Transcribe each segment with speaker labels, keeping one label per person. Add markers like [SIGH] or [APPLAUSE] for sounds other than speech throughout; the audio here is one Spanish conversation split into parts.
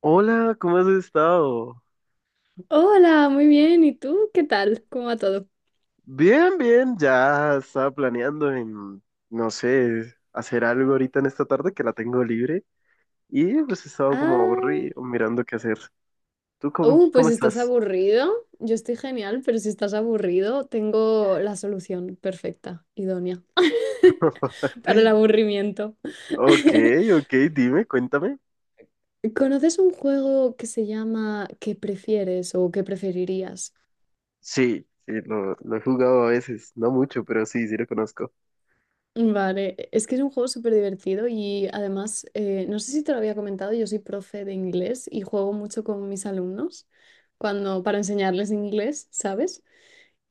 Speaker 1: Hola, ¿cómo has estado?
Speaker 2: Hola, muy bien. ¿Y tú? ¿Qué tal? ¿Cómo va todo?
Speaker 1: Bien, bien, ya estaba planeando en, no sé, hacer algo ahorita en esta tarde que la tengo libre y pues he estado como
Speaker 2: Ah,
Speaker 1: aburrido mirando qué hacer. ¿Tú cómo, cómo
Speaker 2: pues estás
Speaker 1: estás?
Speaker 2: aburrido. Yo estoy genial, pero si estás aburrido, tengo la solución perfecta, idónea, [LAUGHS] para el
Speaker 1: [LAUGHS]
Speaker 2: aburrimiento.
Speaker 1: Ok,
Speaker 2: [LAUGHS]
Speaker 1: ok, dime, cuéntame.
Speaker 2: ¿Conoces un juego que se llama ¿Qué prefieres o qué preferirías?
Speaker 1: Sí, sí, lo he jugado a veces, no mucho, pero sí, sí lo conozco.
Speaker 2: Vale, es que es un juego súper divertido y además, no sé si te lo había comentado, yo soy profe de inglés y juego mucho con mis alumnos cuando para enseñarles inglés, ¿sabes?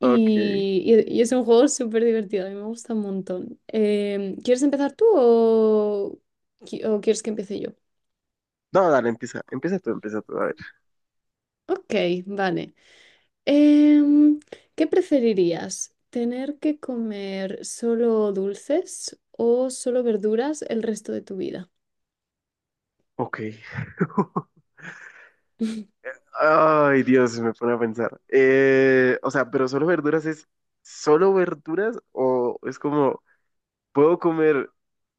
Speaker 1: Ok.
Speaker 2: y- y es un juego súper divertido, a mí me gusta un montón. ¿Quieres empezar tú o o quieres que empiece yo?
Speaker 1: No, dale, empieza, empieza tú, a ver.
Speaker 2: Ok, vale. Em, ¿Qué preferirías? ¿Tener que comer solo dulces o solo verduras el resto de tu vida?
Speaker 1: Ok. [LAUGHS] Ay, Dios, me pone a pensar. O sea, pero solo verduras es solo verduras o es como, puedo comer,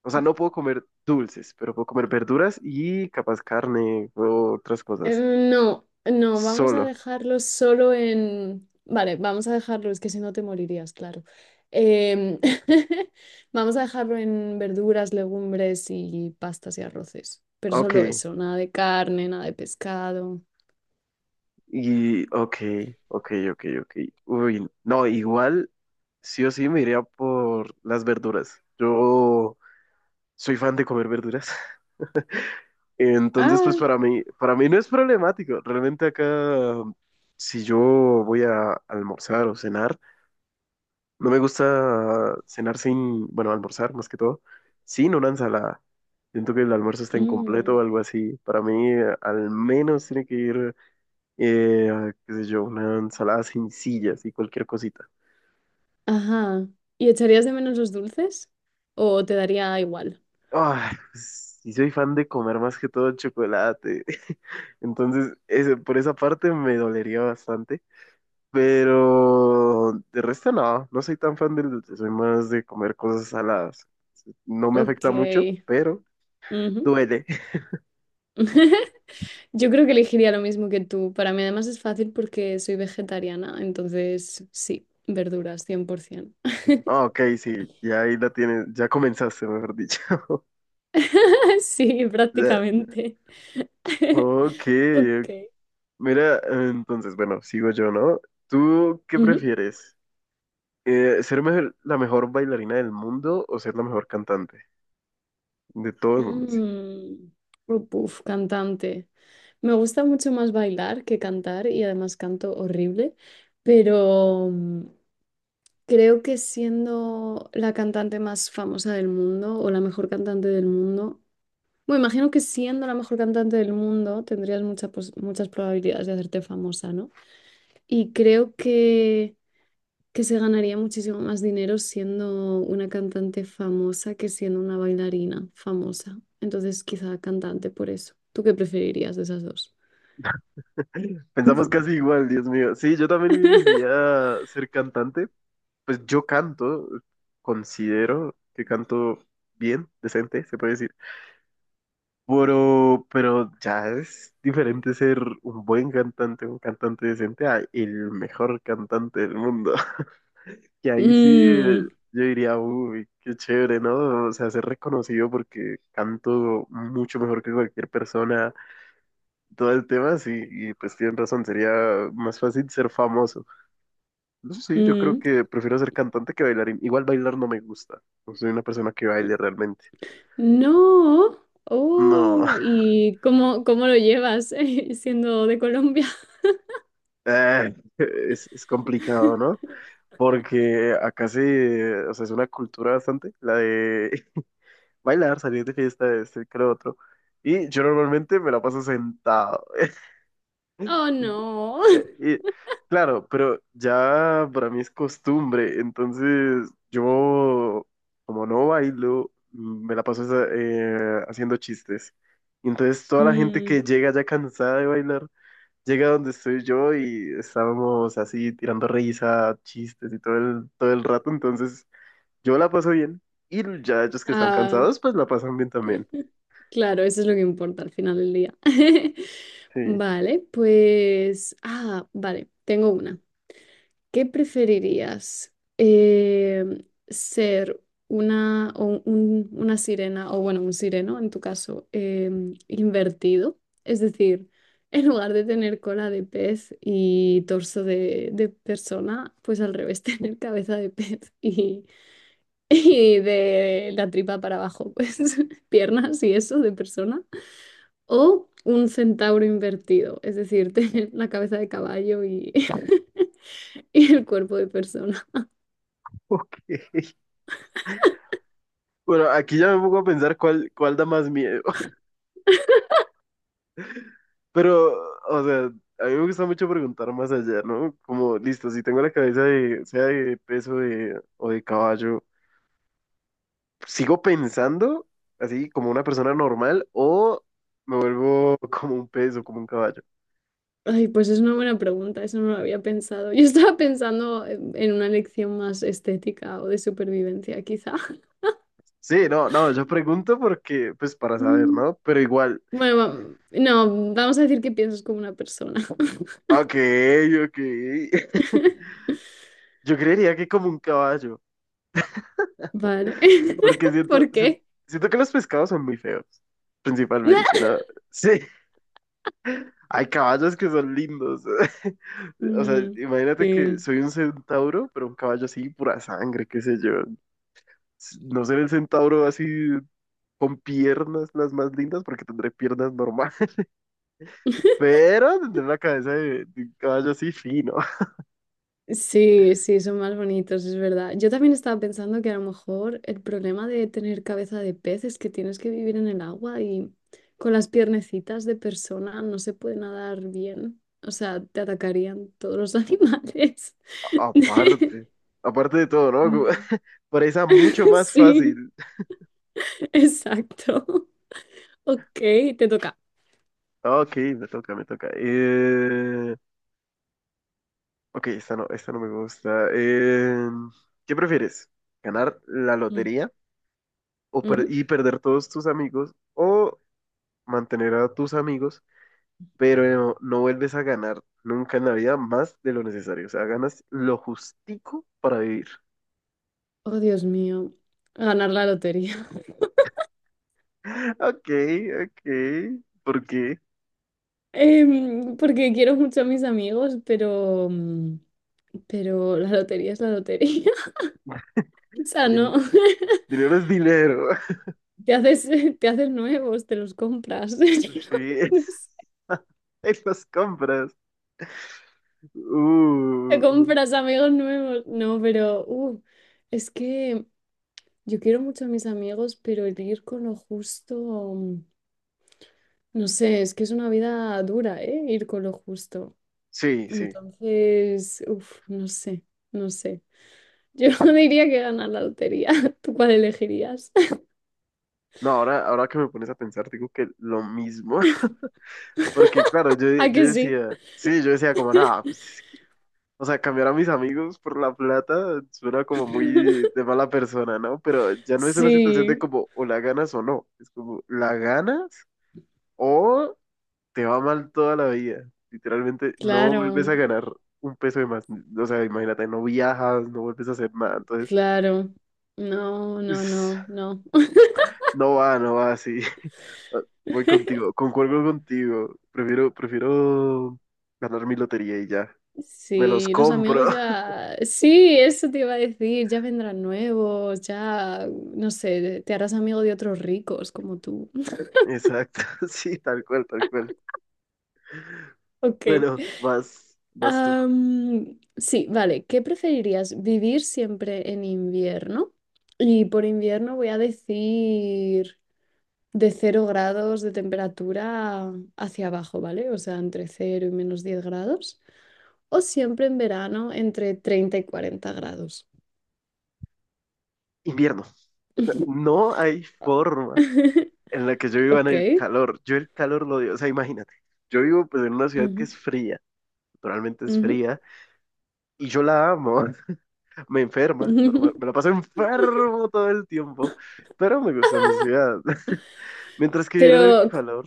Speaker 1: o sea, no puedo comer dulces, pero puedo comer verduras y capaz carne o otras
Speaker 2: Eh,
Speaker 1: cosas.
Speaker 2: No, no, vamos a
Speaker 1: Solo.
Speaker 2: dejarlos solo en... Vale, vamos a dejarlo, es que si no te morirías, claro. Em, [LAUGHS] vamos a dejarlo en verduras, legumbres y pastas y arroces, pero solo
Speaker 1: Ok.
Speaker 2: eso, nada de carne, nada de pescado.
Speaker 1: Y, ok, ok, ok, ok. Uy, no, igual, sí o sí me iría por las verduras. Yo soy fan de comer verduras. [LAUGHS] Entonces, pues
Speaker 2: Ah,
Speaker 1: para mí no es problemático. Realmente acá, si yo voy a almorzar o cenar, no me gusta cenar sin, bueno, almorzar más que todo, sin una ensalada. Siento que el almuerzo está incompleto
Speaker 2: mm,
Speaker 1: o algo así. Para mí, al menos tiene que ir, qué sé yo, una ensalada sencilla, así cualquier cosita.
Speaker 2: ajá. ¿Y echarías de menos los dulces? ¿O te daría igual?
Speaker 1: Ay, sí soy fan de comer más que todo chocolate. [LAUGHS] Entonces, por esa parte me dolería bastante. Pero de resto no, no soy tan fan del dulce, soy más de comer cosas saladas. No me
Speaker 2: Ok,
Speaker 1: afecta mucho, pero
Speaker 2: ujú.
Speaker 1: duele. [LAUGHS]
Speaker 2: [LAUGHS] Yo creo que elegiría lo mismo que tú. Para mí además es fácil porque soy vegetariana, entonces sí, verduras, 100%.
Speaker 1: Ah, ok, sí, ya ahí la tienes, ya comenzaste, mejor dicho. [LAUGHS]
Speaker 2: [LAUGHS] Sí,
Speaker 1: Ya.
Speaker 2: prácticamente. [LAUGHS]
Speaker 1: Ok,
Speaker 2: Ok.
Speaker 1: ok. Mira, entonces, bueno, sigo yo, ¿no? ¿Tú qué
Speaker 2: Ujú.
Speaker 1: prefieres? ¿Ser la mejor bailarina del mundo o ser la mejor cantante? De todo el mundo, sí.
Speaker 2: Mm. Oh, puf, cantante. Me gusta mucho más bailar que cantar y además canto horrible, pero creo que siendo la cantante más famosa del mundo o la mejor cantante del mundo, bueno, imagino que siendo la mejor cantante del mundo tendrías muchas muchas probabilidades de hacerte famosa, ¿no? Y creo que se ganaría muchísimo más dinero siendo una cantante famosa que siendo una bailarina famosa. Entonces, quizá cantante por eso. ¿Tú qué preferirías de esas dos?
Speaker 1: Pensamos casi igual, Dios mío. Sí, yo también diría ser cantante. Pues yo canto, considero que canto bien, decente, se puede decir. Pero ya es diferente ser un buen cantante, un cantante decente, a el mejor cantante del mundo. [LAUGHS] Y ahí sí,
Speaker 2: Mm,
Speaker 1: yo diría, uy, qué chévere, ¿no? O sea, ser reconocido porque canto mucho mejor que cualquier persona, todo el tema, sí, y pues tienen razón, sería más fácil ser famoso. No sé, sí, yo creo
Speaker 2: mm.
Speaker 1: que prefiero ser cantante que bailarín. Igual bailar no me gusta. No soy una persona que baile realmente.
Speaker 2: No.
Speaker 1: No,
Speaker 2: Oh,
Speaker 1: [LAUGHS]
Speaker 2: ¿y cómo lo llevas, [LAUGHS] siendo de Colombia?
Speaker 1: es complicado, ¿no?
Speaker 2: [LAUGHS]
Speaker 1: Porque acá sí, o sea, es una cultura bastante, la de [LAUGHS] bailar, salir de fiesta, este, que lo otro. Y yo normalmente me la paso sentado.
Speaker 2: Oh,
Speaker 1: [LAUGHS]
Speaker 2: no.
Speaker 1: Eh,
Speaker 2: [LAUGHS]
Speaker 1: y- claro, pero ya para mí es costumbre, entonces yo, como no bailo, me la paso haciendo chistes. Y entonces toda la gente que
Speaker 2: Mm,
Speaker 1: llega ya cansada de bailar, llega donde estoy yo y estábamos así tirando risa, chistes y todo el rato, entonces yo la paso bien y ya ellos que están
Speaker 2: ah,
Speaker 1: cansados, pues la pasan bien también.
Speaker 2: [LAUGHS] claro, eso es lo que importa al final del día. [LAUGHS]
Speaker 1: Sí. [LAUGHS]
Speaker 2: Vale, pues... Ah, vale, tengo una. ¿Qué preferirías? ¿Ser una, o una sirena, o bueno, un sireno en tu caso, invertido? Es decir, [LAUGHS] en lugar de tener cola de pez y torso de persona, pues al revés, [LAUGHS] tener cabeza de pez y [LAUGHS] y de la tripa para abajo, pues [LAUGHS] piernas y eso de persona. O un centauro invertido, es decir, [LAUGHS] tener la cabeza de caballo y, [LAUGHS] y el cuerpo de persona.
Speaker 1: Ok. Bueno, aquí ya me pongo a pensar cuál da más miedo. Pero, o sea, a mí me gusta mucho preguntar más allá, ¿no? Como, listo, si tengo la cabeza de, sea de peso de, o de caballo, ¿sigo pensando así como una persona normal o me vuelvo [LAUGHS] como un peso, como un caballo?
Speaker 2: Ay, pues es una buena pregunta, eso no lo había pensado. Yo estaba pensando en una lección más estética o de supervivencia, quizá. [LAUGHS]
Speaker 1: Sí, no, no, yo pregunto porque, pues para saber,
Speaker 2: Mm,
Speaker 1: ¿no? Pero igual,
Speaker 2: bueno, no, vamos a decir que piensas como una persona.
Speaker 1: ok, ok. [LAUGHS]
Speaker 2: [LAUGHS]
Speaker 1: Yo creería que como un caballo,
Speaker 2: Vale.
Speaker 1: porque
Speaker 2: [LAUGHS]
Speaker 1: siento,
Speaker 2: ¿Por qué?
Speaker 1: siento que los pescados son muy feos, principalmente,
Speaker 2: [LAUGHS]
Speaker 1: ¿no? [LAUGHS] Sí. Hay caballos que son lindos. [LAUGHS] O sea,
Speaker 2: Mm,
Speaker 1: imagínate que
Speaker 2: sí.
Speaker 1: soy un centauro, pero un caballo así, pura sangre, qué sé yo. No ser el centauro así con piernas las más lindas, porque tendré piernas normales, [LAUGHS] pero tendré una cabeza de un caballo así fino.
Speaker 2: Sí, sí, son más bonitos, es verdad. Yo también estaba pensando que a lo mejor el problema de tener cabeza de pez es que tienes que vivir en el agua y con las piernecitas de persona no se puede nadar bien. O sea, te atacarían todos los animales.
Speaker 1: [LAUGHS]
Speaker 2: [LAUGHS]
Speaker 1: Aparte, aparte de todo, ¿no?
Speaker 2: Sí.
Speaker 1: [LAUGHS] Presa mucho
Speaker 2: [LAUGHS]
Speaker 1: más
Speaker 2: Sí,
Speaker 1: fácil.
Speaker 2: exacto. Ok, te toca.
Speaker 1: Ok, me toca, me toca. Ok, esta no me gusta. ¿Qué prefieres? ¿Ganar la
Speaker 2: Mm,
Speaker 1: lotería? O
Speaker 2: ujú.
Speaker 1: y perder todos tus amigos o mantener a tus amigos, pero no vuelves a ganar nunca en la vida más de lo necesario. O sea, ganas lo justico para vivir.
Speaker 2: Oh, Dios mío, ganar la lotería.
Speaker 1: [LAUGHS] Ok, ok. ¿Por qué?
Speaker 2: Porque quiero mucho a mis amigos, pero, pero la lotería es la lotería. [LAUGHS] O sea, no,
Speaker 1: Din-
Speaker 2: [LAUGHS]
Speaker 1: dinero es dinero. [LAUGHS]
Speaker 2: te haces, te haces nuevos, te los compras. [LAUGHS]
Speaker 1: Sí.
Speaker 2: No sé,
Speaker 1: [LAUGHS] En las compras.
Speaker 2: te
Speaker 1: Uh.
Speaker 2: compras amigos nuevos. No, pero es que yo quiero mucho a mis amigos, pero el ir con lo justo, no sé, es que es una vida dura, ¿eh? Ir con lo justo.
Speaker 1: Sí, sí.
Speaker 2: Entonces, uff, no sé, no sé. Yo [LAUGHS] diría que ganar la lotería. [LAUGHS] ¿Tú cuál elegirías?
Speaker 1: No, ahora, ahora que me pones a pensar, digo que lo mismo. [LAUGHS] Porque claro, yo,
Speaker 2: ¿A
Speaker 1: yo
Speaker 2: que sí?
Speaker 1: decía, sí, yo decía como, nada, pues. O sea, cambiar a mis amigos por la plata suena como muy
Speaker 2: [LAUGHS]
Speaker 1: de mala persona, ¿no? Pero ya no es una situación de
Speaker 2: Sí,
Speaker 1: como o la ganas o no. Es como la ganas o te va mal toda la vida. Literalmente no vuelves
Speaker 2: claro,
Speaker 1: a ganar un peso de más. O sea, imagínate, no viajas, no vuelves a hacer nada. Entonces,
Speaker 2: claro. No, no,
Speaker 1: es-
Speaker 2: no, no.
Speaker 1: no va, no va así. [LAUGHS] Voy
Speaker 2: [LAUGHS]
Speaker 1: contigo, concuerdo contigo. Prefiero, prefiero ganar mi lotería y ya. Me los
Speaker 2: Sí, los
Speaker 1: compro.
Speaker 2: amigos
Speaker 1: [LAUGHS]
Speaker 2: ya... Sí, eso te iba a decir, ya vendrán nuevos, ya, no sé, te harás amigo de otros ricos como tú. [LAUGHS]
Speaker 1: Exacto, [LAUGHS] sí, tal cual, tal cual.
Speaker 2: Ok.
Speaker 1: Bueno, vas, vas tú.
Speaker 2: Am, sí, vale. ¿Qué preferirías? ¿Vivir siempre en invierno? Y por invierno voy a decir de 0 grados de temperatura hacia abajo, ¿vale? O sea, entre 0 y -10 grados. O siempre en verano entre 30 y 40 grados.
Speaker 1: Invierno. No hay forma
Speaker 2: [LAUGHS]
Speaker 1: en la que yo viva en el
Speaker 2: Ok.
Speaker 1: calor. Yo el calor lo odio. O sea, imagínate. Yo vivo pues en una ciudad que
Speaker 2: Ujú,
Speaker 1: es fría. Naturalmente es
Speaker 2: ujú.
Speaker 1: fría. Y yo la amo. [LAUGHS] Me enferma. Normal. Me la
Speaker 2: [LAUGHS]
Speaker 1: paso enfermo todo el tiempo. Pero me gusta mi ciudad. [LAUGHS] Mientras que vivir en el
Speaker 2: Pero,
Speaker 1: calor.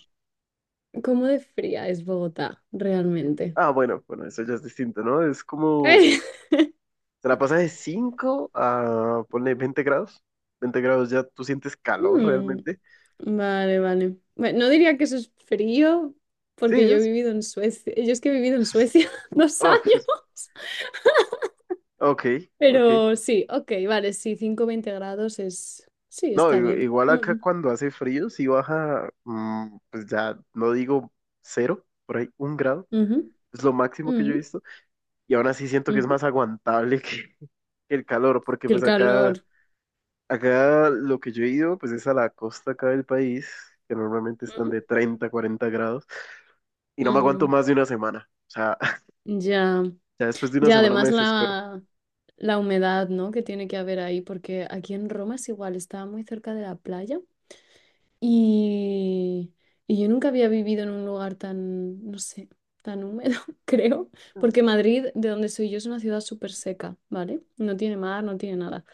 Speaker 2: ¿cómo de fría es Bogotá realmente?
Speaker 1: Ah, bueno, bueno, eso ya es distinto, ¿no? Es como.
Speaker 2: [LAUGHS]
Speaker 1: Te la pasas de 5 a, ponle 20 grados. 20 grados ya tú sientes calor
Speaker 2: Mm.
Speaker 1: realmente.
Speaker 2: Vale, vale. Bueno, no diría que eso es frío,
Speaker 1: Sí,
Speaker 2: porque yo he
Speaker 1: es.
Speaker 2: vivido en Suecia. Yo es que he vivido en Suecia [LAUGHS] dos
Speaker 1: Oh, [LAUGHS]
Speaker 2: años.
Speaker 1: Ok, ok.
Speaker 2: Pero sí, ok, vale, sí, cinco veinte grados es... Sí,
Speaker 1: No,
Speaker 2: está bien.
Speaker 1: igual acá
Speaker 2: Ujú,
Speaker 1: cuando hace frío, si baja, pues ya no digo 0, por ahí 1 grado,
Speaker 2: ujú,
Speaker 1: es lo máximo que yo he
Speaker 2: ujú,
Speaker 1: visto, y aún así siento que es
Speaker 2: ujú.
Speaker 1: más aguantable [LAUGHS] que el calor, porque
Speaker 2: Que el
Speaker 1: pues acá,
Speaker 2: calor.
Speaker 1: acá lo que yo he ido, pues es a la costa acá del país, que normalmente están
Speaker 2: Ujú,
Speaker 1: de 30, 40 grados, y no me aguanto
Speaker 2: mm,
Speaker 1: más de una semana, o sea, [LAUGHS]
Speaker 2: ya,
Speaker 1: ya después de una
Speaker 2: ya,
Speaker 1: semana me
Speaker 2: además
Speaker 1: desespero.
Speaker 2: la humedad, ¿no? Que tiene que haber ahí, porque aquí en Roma es igual, estaba muy cerca de la playa. Y, y yo nunca había vivido en un lugar tan, no sé, tan húmedo, [LAUGHS] creo, porque Madrid, de donde soy yo, es una ciudad súper seca, ¿vale? No tiene mar, no tiene nada.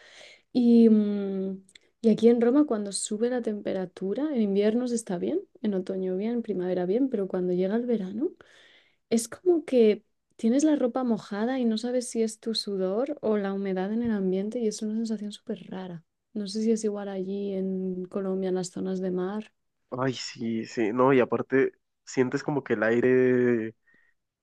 Speaker 2: Y, y aquí en Roma, cuando sube la temperatura, en inviernos está bien, en otoño bien, en primavera bien, pero cuando llega el verano, es como que tienes la ropa mojada y no sabes si es tu sudor o la humedad en el ambiente y es una sensación súper rara. No sé si es igual allí en Colombia, en las zonas de mar.
Speaker 1: Ay, sí, sí, no, y aparte sientes como que el aire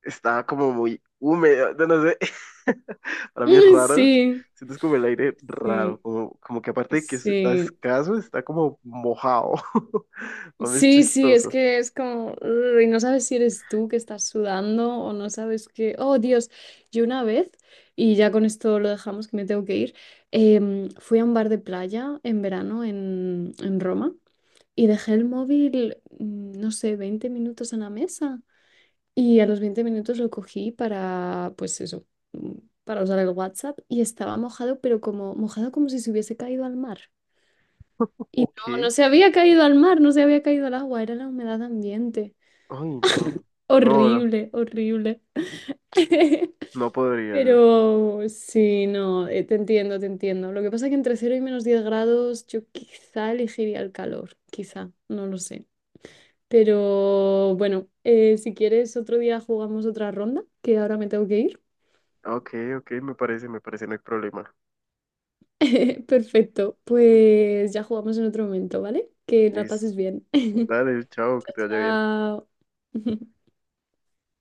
Speaker 1: estaba como muy húmedo, no, no sé. [LAUGHS] Para mí es
Speaker 2: Mm,
Speaker 1: raro.
Speaker 2: sí,
Speaker 1: Sientes como el aire raro,
Speaker 2: sí,
Speaker 1: como que aparte de que está
Speaker 2: sí.
Speaker 1: escaso, está como mojado. [LAUGHS] A mí es
Speaker 2: Sí, sí, es
Speaker 1: chistoso.
Speaker 2: que es como, "Ugh", y no sabes si eres tú que estás sudando o no sabes que, oh Dios, yo una vez, y ya con esto lo dejamos que me tengo que ir, fui a un bar de playa en verano en Roma y dejé el móvil, mm, no sé, 20 minutos en la mesa y a los 20 minutos lo cogí para, pues eso, mm, para usar el WhatsApp y estaba mojado, pero como mojado como si se hubiese caído al mar. Y
Speaker 1: Ok.
Speaker 2: no,
Speaker 1: Ay,
Speaker 2: no se había caído al mar, no se había caído al agua, era la humedad ambiente.
Speaker 1: no. No, no.
Speaker 2: Horrible, horrible. [LAUGHS]
Speaker 1: No podría yo.
Speaker 2: Pero sí, no, te entiendo, te entiendo. Lo que pasa es que entre 0 y -10 grados yo quizá elegiría el calor, quizá, no lo sé. Pero bueno, si quieres otro día jugamos otra ronda, que ahora me tengo que ir.
Speaker 1: Ok, ok, me parece, no hay problema.
Speaker 2: [LAUGHS] Perfecto, pues ya jugamos en otro momento, ¿vale? Que la
Speaker 1: Listo.
Speaker 2: pases bien. [LAUGHS]
Speaker 1: Dale, chao, que te vaya bien.
Speaker 2: Chao. [LAUGHS]